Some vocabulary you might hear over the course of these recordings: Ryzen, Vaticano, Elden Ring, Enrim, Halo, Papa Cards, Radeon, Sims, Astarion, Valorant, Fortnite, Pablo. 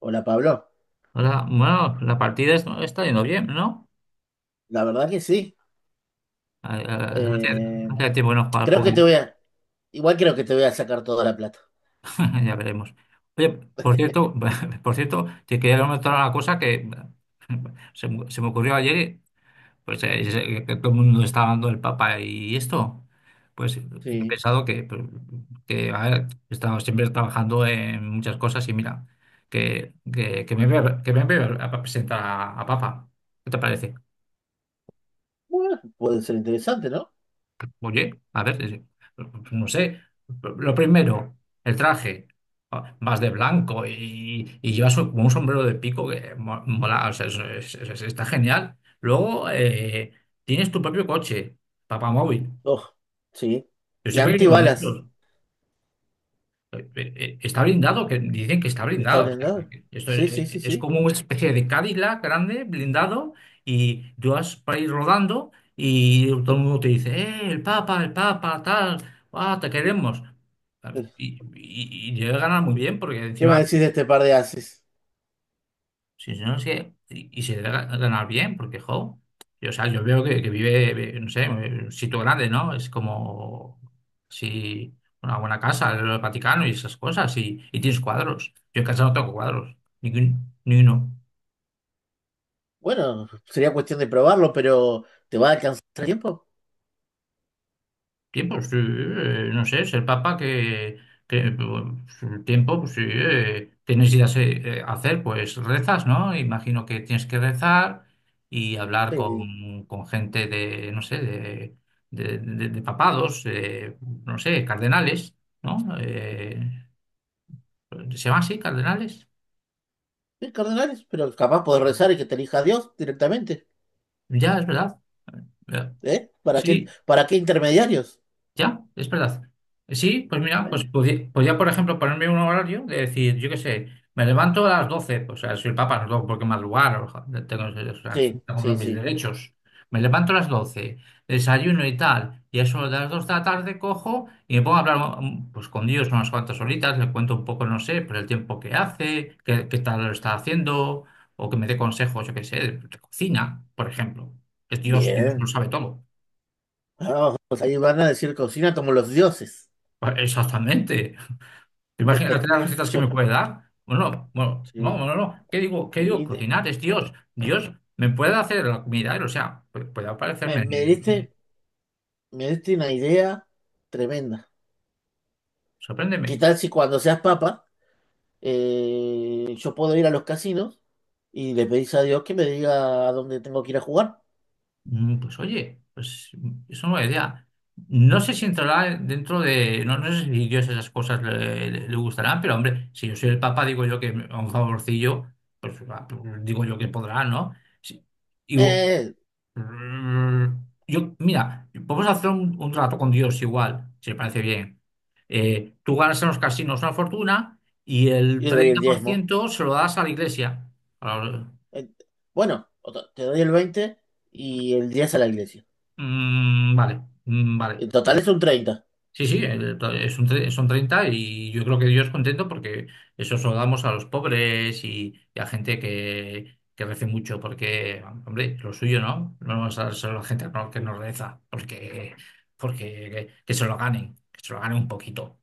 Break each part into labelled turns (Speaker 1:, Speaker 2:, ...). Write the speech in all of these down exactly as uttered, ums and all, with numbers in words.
Speaker 1: Hola Pablo,
Speaker 2: Ahora, bueno, la partida es- está yendo bien, ¿no?
Speaker 1: la verdad que sí.
Speaker 2: Ah, ah, Hace,
Speaker 1: Eh,
Speaker 2: hace tiempo que no jugar al
Speaker 1: creo que te
Speaker 2: póker.
Speaker 1: voy a, igual creo que te voy a sacar toda la plata.
Speaker 2: Ya veremos. Oye, por cierto, por cierto, te quería comentar una cosa que se, me se me ocurrió ayer, y, pues eh, es, eh, que todo el mundo está hablando del Papa y esto, pues he
Speaker 1: Sí.
Speaker 2: pensado que, pues, que a ver, he estado siempre trabajando en muchas cosas y mira, que, que, que me voy a, que me voy a presentar a, a Papa. ¿Qué te parece?
Speaker 1: Bueno, puede ser interesante, ¿no?
Speaker 2: Oye, a ver, eh, no sé. Lo primero, el traje. Ah, vas de blanco y, y llevas un- como un sombrero de pico que mo- mola, o sea, es- es- es- está genial. Luego, eh, tienes tu propio coche, papamóvil.
Speaker 1: Oh, sí.
Speaker 2: Yo
Speaker 1: Y
Speaker 2: siempre he querido uno de
Speaker 1: antibalas,
Speaker 2: estos. eh, eh, Está blindado, que dicen que está
Speaker 1: ¿está
Speaker 2: blindado. O sea,
Speaker 1: blindado?
Speaker 2: que esto
Speaker 1: Sí,
Speaker 2: es,
Speaker 1: sí, sí,
Speaker 2: es
Speaker 1: sí.
Speaker 2: como una especie de Cadillac grande, blindado, y tú vas para ir rodando y todo el mundo te dice, eh, el Papa, el Papa, tal, ah, te queremos. Claro. Y, y, y llegan a ganar muy bien, porque
Speaker 1: ¿Qué me
Speaker 2: encima...
Speaker 1: decís de este par de ases?
Speaker 2: Sí, sí, no, es que- y, y se debe ga- ganar bien, porque, jo, yo, o sea, yo veo que, que vive, ve- no sé, eh, en un sitio grande, ¿no? Es como si una buena casa, el Vaticano y esas cosas, y, y tienes cuadros. Yo en casa no tengo cuadros, ni, un- ni uno.
Speaker 1: Bueno, sería cuestión de probarlo, pero ¿te va a alcanzar el tiempo?
Speaker 2: Tiempo, sí, eh, no sé, es el Papa que, que pues, el tiempo, pues sí, eh, tienes ideas eh, eh, hacer, pues rezas, ¿no? Imagino que tienes que rezar y hablar
Speaker 1: Sí.
Speaker 2: con, con gente de, no sé, de, de, de- de papados, eh, no sé, cardenales, ¿no? Eh, ¿se llama así, cardenales?
Speaker 1: Sí, cardenales, pero capaz podés rezar y que te elija Dios directamente.
Speaker 2: Ya, es verdad. Ya.
Speaker 1: ¿Eh? ¿Para qué,
Speaker 2: Sí.
Speaker 1: para qué intermediarios?
Speaker 2: Ya, es verdad. Sí, pues mira, pues
Speaker 1: ¿Eh?
Speaker 2: podía, podía, por ejemplo, ponerme un horario de decir, yo qué sé, me levanto a las doce, pues o sea, soy el papa, no tengo por qué madrugar, o sea, tengo, o sea, en fin,
Speaker 1: Sí,
Speaker 2: tengo
Speaker 1: sí,
Speaker 2: mis
Speaker 1: sí.
Speaker 2: derechos. Me levanto a las doce, desayuno y tal, y a eso de las dos de la tarde cojo y me pongo a hablar mm, pues con Dios unas cuantas horitas, le cuento un poco, no sé, por el tiempo que hace, qué, qué tal lo está haciendo, o que me dé consejos, yo qué sé, de cocina, por ejemplo. Es Dios, Dios lo
Speaker 1: Bien.
Speaker 2: sabe todo.
Speaker 1: Ah, pues ahí van a decir cocina como los dioses.
Speaker 2: Pues, exactamente. ¿Te las tres recetas que
Speaker 1: Yo,
Speaker 2: me puede dar? Bueno, bueno, no,
Speaker 1: sí.
Speaker 2: no, no. ¿Qué digo? ¿Qué digo?
Speaker 1: Y de-
Speaker 2: Cocinar es Dios. Dios me puede hacer la comida, o sea, pu- puede
Speaker 1: me,
Speaker 2: aparecerme.
Speaker 1: me diste, me diste una idea tremenda. ¿Qué
Speaker 2: Sorpréndeme.
Speaker 1: tal si cuando seas papa, eh, yo puedo ir a los casinos y le pedís a Dios que me diga a dónde tengo que ir a jugar?
Speaker 2: Mm, Pues oye, pues es una buena idea. No sé si entrará dentro de. No, no sé si Dios esas cosas le, le- le gustarán, pero hombre, si yo soy el Papa, digo yo que a un favorcillo, pues va, digo yo que podrá, ¿no? Sí. Y,
Speaker 1: Eh,
Speaker 2: Mm, Yo, mira, vamos a hacer un, un trato con Dios igual, si te parece bien. Eh, tú ganas en los casinos una fortuna y el
Speaker 1: y le doy el
Speaker 2: treinta por
Speaker 1: diezmo.
Speaker 2: ciento se lo das a la iglesia. A la-
Speaker 1: Eh, bueno, o to- te doy el veinte y el diez a la iglesia.
Speaker 2: Mm, vale, mm, vale.
Speaker 1: En total es un treinta.
Speaker 2: Sí, sí, el- to- es un tre- son treinta y yo creo que Dios contento porque eso se lo damos a los pobres y, y a gente que, que rece mucho, porque, hombre, lo suyo, ¿no? No vamos a dárselo a la gente que no, que no reza, porque, porque que, que se lo ganen, que se lo ganen un poquito.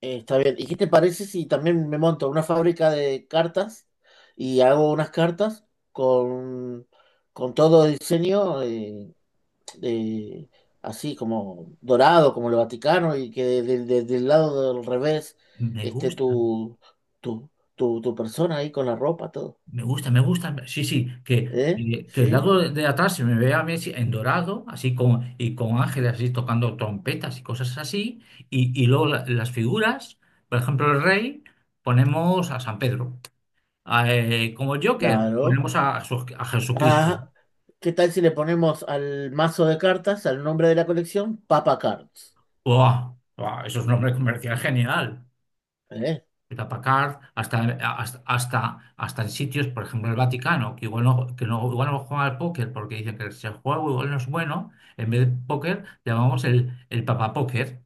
Speaker 1: Eh, está bien. ¿Y qué te parece si también me monto una fábrica de cartas y hago unas cartas con, con todo el diseño eh, de- así como dorado, como el Vaticano, y que de- de- de- del lado del revés
Speaker 2: Me
Speaker 1: esté
Speaker 2: gusta.
Speaker 1: tu, tu, tu, tu persona ahí con la ropa, todo?
Speaker 2: Me gusta, me gusta. Sí, sí, que,
Speaker 1: ¿Eh?
Speaker 2: que el
Speaker 1: ¿Sí?
Speaker 2: lado de atrás se me vea a Messi en dorado, así con, y con ángeles así tocando trompetas y cosas así. Y, y luego la- las figuras, por ejemplo, el rey, ponemos a San Pedro. A, eh, como Joker,
Speaker 1: Claro.
Speaker 2: ponemos a, Jesús- a Jesucristo.
Speaker 1: Ah, ¿qué tal si le ponemos al mazo de cartas, al nombre de la colección, Papa Cards?
Speaker 2: ¡Buah! ¡Buah! Eso es un nombre comercial genial.
Speaker 1: ¿Eh?
Speaker 2: Packard, hasta, hasta, hasta, hasta en sitios, por ejemplo, el Vaticano, que igual no, que no, igual no juega al póker porque dicen que si el juego igual no es bueno, en vez de póker llamamos el, el Papa Póker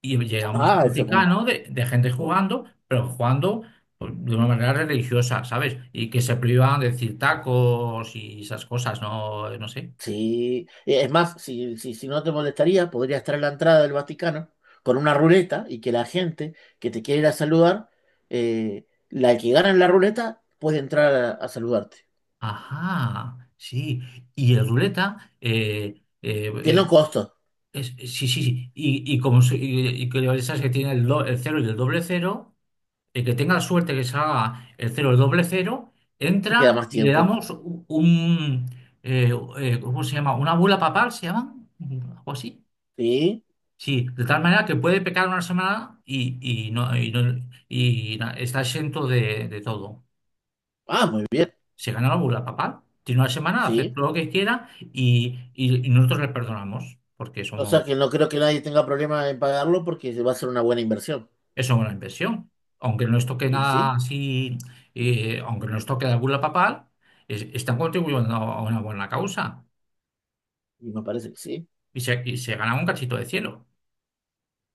Speaker 2: y llegamos
Speaker 1: Ah,
Speaker 2: al
Speaker 1: eso es
Speaker 2: Vaticano de, de gente
Speaker 1: muy.
Speaker 2: jugando, pero jugando pues, de una manera religiosa, ¿sabes? Y que se privan de decir tacos y esas cosas, no, no sé.
Speaker 1: Sí, eh, es más, si, si, si no te molestaría, podría estar en la entrada del Vaticano con una ruleta y que la gente que te quiere ir a saludar, eh, la que gana en la ruleta, puede entrar a, a saludarte.
Speaker 2: Ajá, sí. Y el ruleta, eh, eh,
Speaker 1: Tiene un
Speaker 2: eh,
Speaker 1: costo,
Speaker 2: Es- es- sí, sí, sí. Y, y como si- y, y que esas que tiene el, do- el cero y el doble cero, el que tenga la suerte que salga el cero y el doble cero,
Speaker 1: te queda
Speaker 2: entra
Speaker 1: más
Speaker 2: y le
Speaker 1: tiempo.
Speaker 2: damos u- un, eh, eh, ¿cómo se llama? ¿Una bula papal se llama? ¿Algo así?
Speaker 1: Sí,
Speaker 2: Sí, de tal manera que puede pecar una semana y, y no, y no- y na- está exento de, de todo.
Speaker 1: ah, muy bien,
Speaker 2: Se gana la bula papal, tiene una semana, hace
Speaker 1: sí.
Speaker 2: todo lo que quiera y, y y nosotros le perdonamos porque
Speaker 1: O
Speaker 2: somos...
Speaker 1: sea que no creo que nadie tenga problema en pagarlo porque va a ser una buena inversión.
Speaker 2: Es una buena inversión. Aunque no les toque
Speaker 1: Y
Speaker 2: nada
Speaker 1: sí,
Speaker 2: así, eh, aunque no les toque la bula papal, es- están contribuyendo a una buena causa
Speaker 1: y me parece que sí,
Speaker 2: y se, y se ganan un cachito de cielo.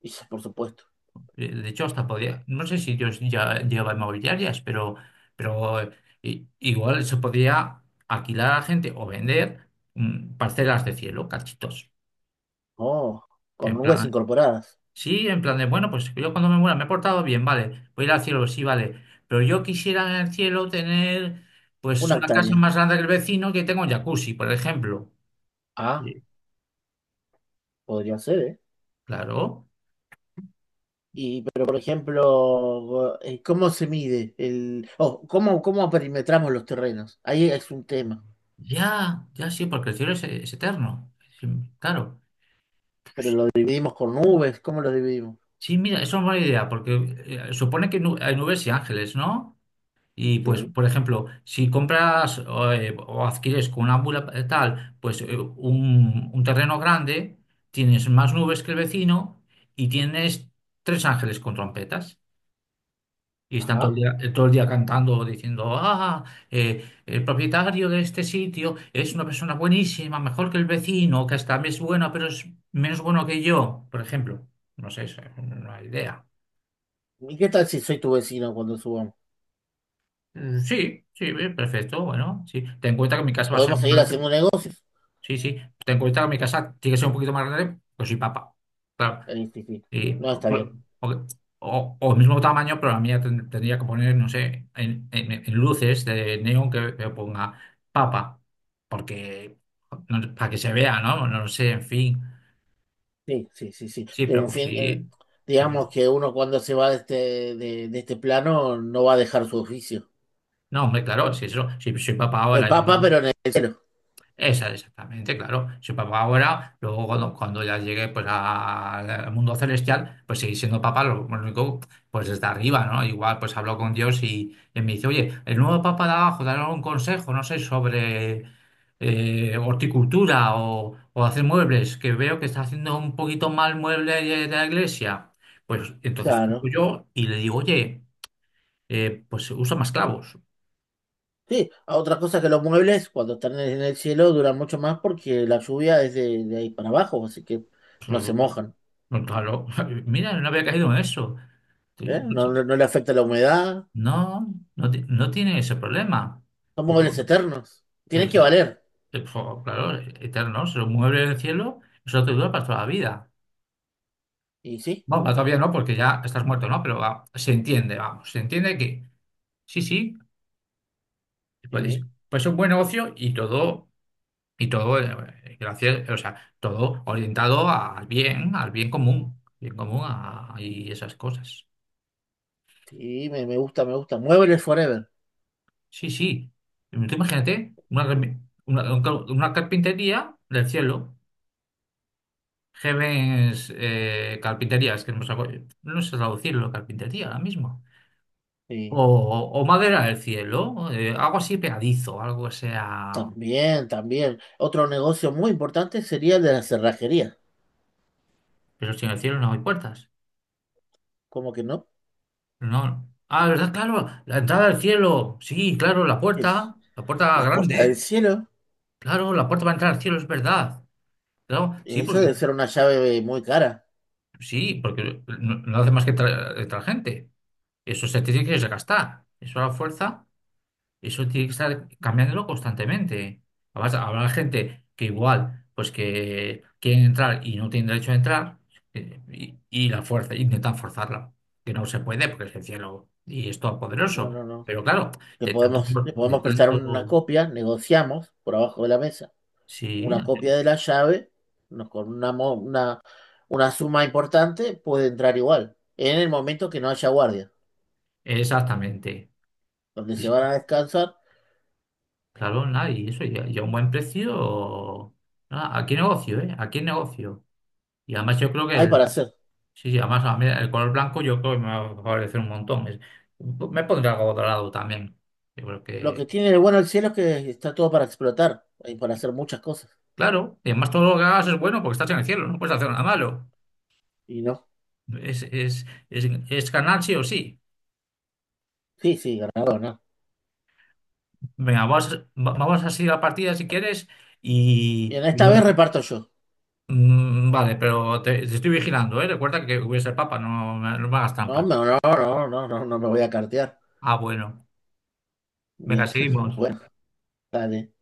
Speaker 1: y sí, por supuesto.
Speaker 2: Eh, De hecho, hasta podría, no sé si Dios ya lleva inmobiliarias, pero, pero eh, i- igual se podría alquilar a gente o vender mm, parcelas de cielo, cachitos.
Speaker 1: Oh, con
Speaker 2: En
Speaker 1: nubes
Speaker 2: plan,
Speaker 1: incorporadas,
Speaker 2: Sí, en plan de, bueno, pues yo cuando me muera me he portado bien, vale, voy a ir al cielo, sí, vale, pero yo quisiera en el cielo tener pues
Speaker 1: una
Speaker 2: una casa
Speaker 1: hectárea.
Speaker 2: más grande que el vecino que tenga un jacuzzi, por ejemplo.
Speaker 1: Ah,
Speaker 2: Sí.
Speaker 1: podría ser, ¿eh?
Speaker 2: Claro,
Speaker 1: Y, pero por ejemplo, eh, ¿cómo se mide el, o cómo, cómo perimetramos los terrenos? Ahí es un tema.
Speaker 2: ya, ya sí, porque el cielo es, es eterno. Sí, claro,
Speaker 1: Pero lo dividimos con nubes, ¿cómo lo dividimos?
Speaker 2: sí, mira, eso es una buena idea, porque eh, supone que nu- hay nubes y ángeles, ¿no? Y pues,
Speaker 1: Sí.
Speaker 2: por ejemplo, si compras o, eh, o adquieres con una bula eh, tal, pues eh, un, un terreno grande, tienes más nubes que el vecino y tienes tres ángeles con trompetas. Y están todo el
Speaker 1: Ajá.
Speaker 2: día, eh, todo el día cantando, diciendo, ah, eh, el propietario de este sitio es una persona buenísima, mejor que el vecino, que hasta es bueno, pero es menos bueno que yo, por ejemplo. No sé, es una idea.
Speaker 1: ¿Y qué tal si soy tu vecino cuando subamos?
Speaker 2: Eh, Sí, sí, eh, perfecto, bueno, sí. Ten en cuenta que mi casa va a ser
Speaker 1: ¿Podemos
Speaker 2: más
Speaker 1: seguir haciendo
Speaker 2: grande.
Speaker 1: un negocio?
Speaker 2: Sí, sí. Ten en cuenta que mi casa tiene que ser un poquito más grande, pues soy papa. Claro.
Speaker 1: Eh, sí, sí.
Speaker 2: Y,
Speaker 1: No,
Speaker 2: o,
Speaker 1: está bien.
Speaker 2: o- o- o el mismo tamaño, pero la mía ten- tendría que poner, no sé, en, en- en luces de neón que, que ponga papa. Porque, no- para que se vea, ¿no? No lo sé, en fin.
Speaker 1: Sí, sí, sí, sí.
Speaker 2: Sí,
Speaker 1: Pero,
Speaker 2: pero
Speaker 1: en
Speaker 2: pues,
Speaker 1: fin, eh,
Speaker 2: sí. Pero,
Speaker 1: digamos que uno cuando se va de este, de, de este plano no va a dejar su oficio.
Speaker 2: no, hombre, claro, si eso, si soy papa
Speaker 1: El
Speaker 2: ahora.
Speaker 1: papa, pero en el cielo.
Speaker 2: Esa, exactamente, claro. Si papá ahora, luego cuando, cuando ya llegue pues, a- al mundo celestial, pues seguir siendo papá, lo único, pues desde arriba, ¿no? Igual pues hablo con Dios y, y me dice, oye, el nuevo papá de abajo, dale algún consejo, no sé, sobre eh, horticultura o, o hacer muebles, que veo que está haciendo un poquito mal mueble de, de la iglesia. Pues entonces cojo
Speaker 1: Claro.
Speaker 2: yo y le digo, oye, eh, pues usa más clavos.
Speaker 1: Sí, a otra cosa que los muebles cuando están en el cielo duran mucho más porque la lluvia es de, de ahí para abajo, así que no se mojan,
Speaker 2: Claro, mira, no había caído en eso. Sí,
Speaker 1: ¿eh?
Speaker 2: no sé.
Speaker 1: No, no, no le afecta la humedad,
Speaker 2: No, no, ti- no tiene ese problema.
Speaker 1: son
Speaker 2: O-
Speaker 1: muebles eternos, tienen
Speaker 2: es-
Speaker 1: que valer.
Speaker 2: es- o, claro, eterno, se mueve en el cielo, eso te dura para toda la vida.
Speaker 1: Y sí,
Speaker 2: Bueno, para todavía no, porque ya estás muerto, ¿no? Pero va, se entiende, vamos, se entiende que sí, sí, pues,
Speaker 1: sí,
Speaker 2: pues es un buen negocio y todo, y todo, eh, gracias, o sea, todo orientado al bien, al bien común, bien común a- y esas cosas.
Speaker 1: sí, me, me gusta, me gusta. Muebles forever.
Speaker 2: Sí, sí. Tú imagínate una, remi- una, una carpintería del cielo. Gemes, eh, carpinterías, que no, sé no sé traducirlo, carpintería ahora mismo.
Speaker 1: Sí,
Speaker 2: O, o madera del cielo, eh, algo así pegadizo, algo que sea.
Speaker 1: también, también. Otro negocio muy importante sería el de la cerrajería,
Speaker 2: Pero si en el cielo no hay puertas.
Speaker 1: como que no?
Speaker 2: No. Ah, ¿verdad? Claro, la entrada al cielo. Sí, claro, la
Speaker 1: Es,
Speaker 2: puerta, la puerta
Speaker 1: las puertas del
Speaker 2: grande.
Speaker 1: cielo,
Speaker 2: Claro, la puerta para entrar al cielo, es verdad. Claro, sí,
Speaker 1: eso
Speaker 2: porque,
Speaker 1: debe ser una llave muy cara.
Speaker 2: sí, porque no, no hace más que entrar entrar gente. Eso se tiene que desgastar. Eso a la fuerza. Eso tiene que estar cambiándolo constantemente. Además, habrá gente que igual, pues que quieren entrar y no tienen derecho a entrar, eh, y, y la fuerza, intentan forzarla, que no se puede porque es el cielo y es
Speaker 1: Y no,
Speaker 2: todopoderoso.
Speaker 1: no, no.
Speaker 2: Pero claro,
Speaker 1: le
Speaker 2: de tanto,
Speaker 1: podemos, le
Speaker 2: for- de
Speaker 1: podemos prestar una
Speaker 2: tanto,
Speaker 1: copia, negociamos por abajo de la mesa
Speaker 2: sí,
Speaker 1: una copia de la llave, nos- con una, una, una suma importante, puede entrar igual. En el momento que no haya guardia,
Speaker 2: exactamente.
Speaker 1: donde
Speaker 2: Y
Speaker 1: se
Speaker 2: sí,
Speaker 1: van a descansar,
Speaker 2: claro, nada, y eso, ya, ya un buen precio, nada, aquí negocio, ¿eh? Aquí negocio. Y además yo creo que
Speaker 1: hay
Speaker 2: el-
Speaker 1: para hacer.
Speaker 2: Sí, sí, además a mí el color blanco yo creo que me va a favorecer un montón. Es- me pondré algo dorado también. Yo creo
Speaker 1: Lo que
Speaker 2: que,
Speaker 1: tiene de bueno el cielo es que está todo para explotar, hay para hacer muchas cosas.
Speaker 2: claro, y además todo lo que hagas es bueno porque estás en el cielo, no puedes hacer nada malo.
Speaker 1: Y no,
Speaker 2: Es, es, es, es ganar sí o sí.
Speaker 1: sí, sí, ganador, ¿no?
Speaker 2: Venga, vas- va- vamos a seguir la partida si quieres
Speaker 1: Y
Speaker 2: y...
Speaker 1: en
Speaker 2: y
Speaker 1: esta vez
Speaker 2: luego-.
Speaker 1: reparto yo.
Speaker 2: Mm, vale, pero te, te estoy vigilando, ¿eh? Recuerda que voy a ser papa, no, me- no me hagas
Speaker 1: No,
Speaker 2: trampas.
Speaker 1: no, no, no, no, no, no me voy a cartear.
Speaker 2: Ah, bueno. Venga,
Speaker 1: Bien,
Speaker 2: seguimos.
Speaker 1: bueno, dale.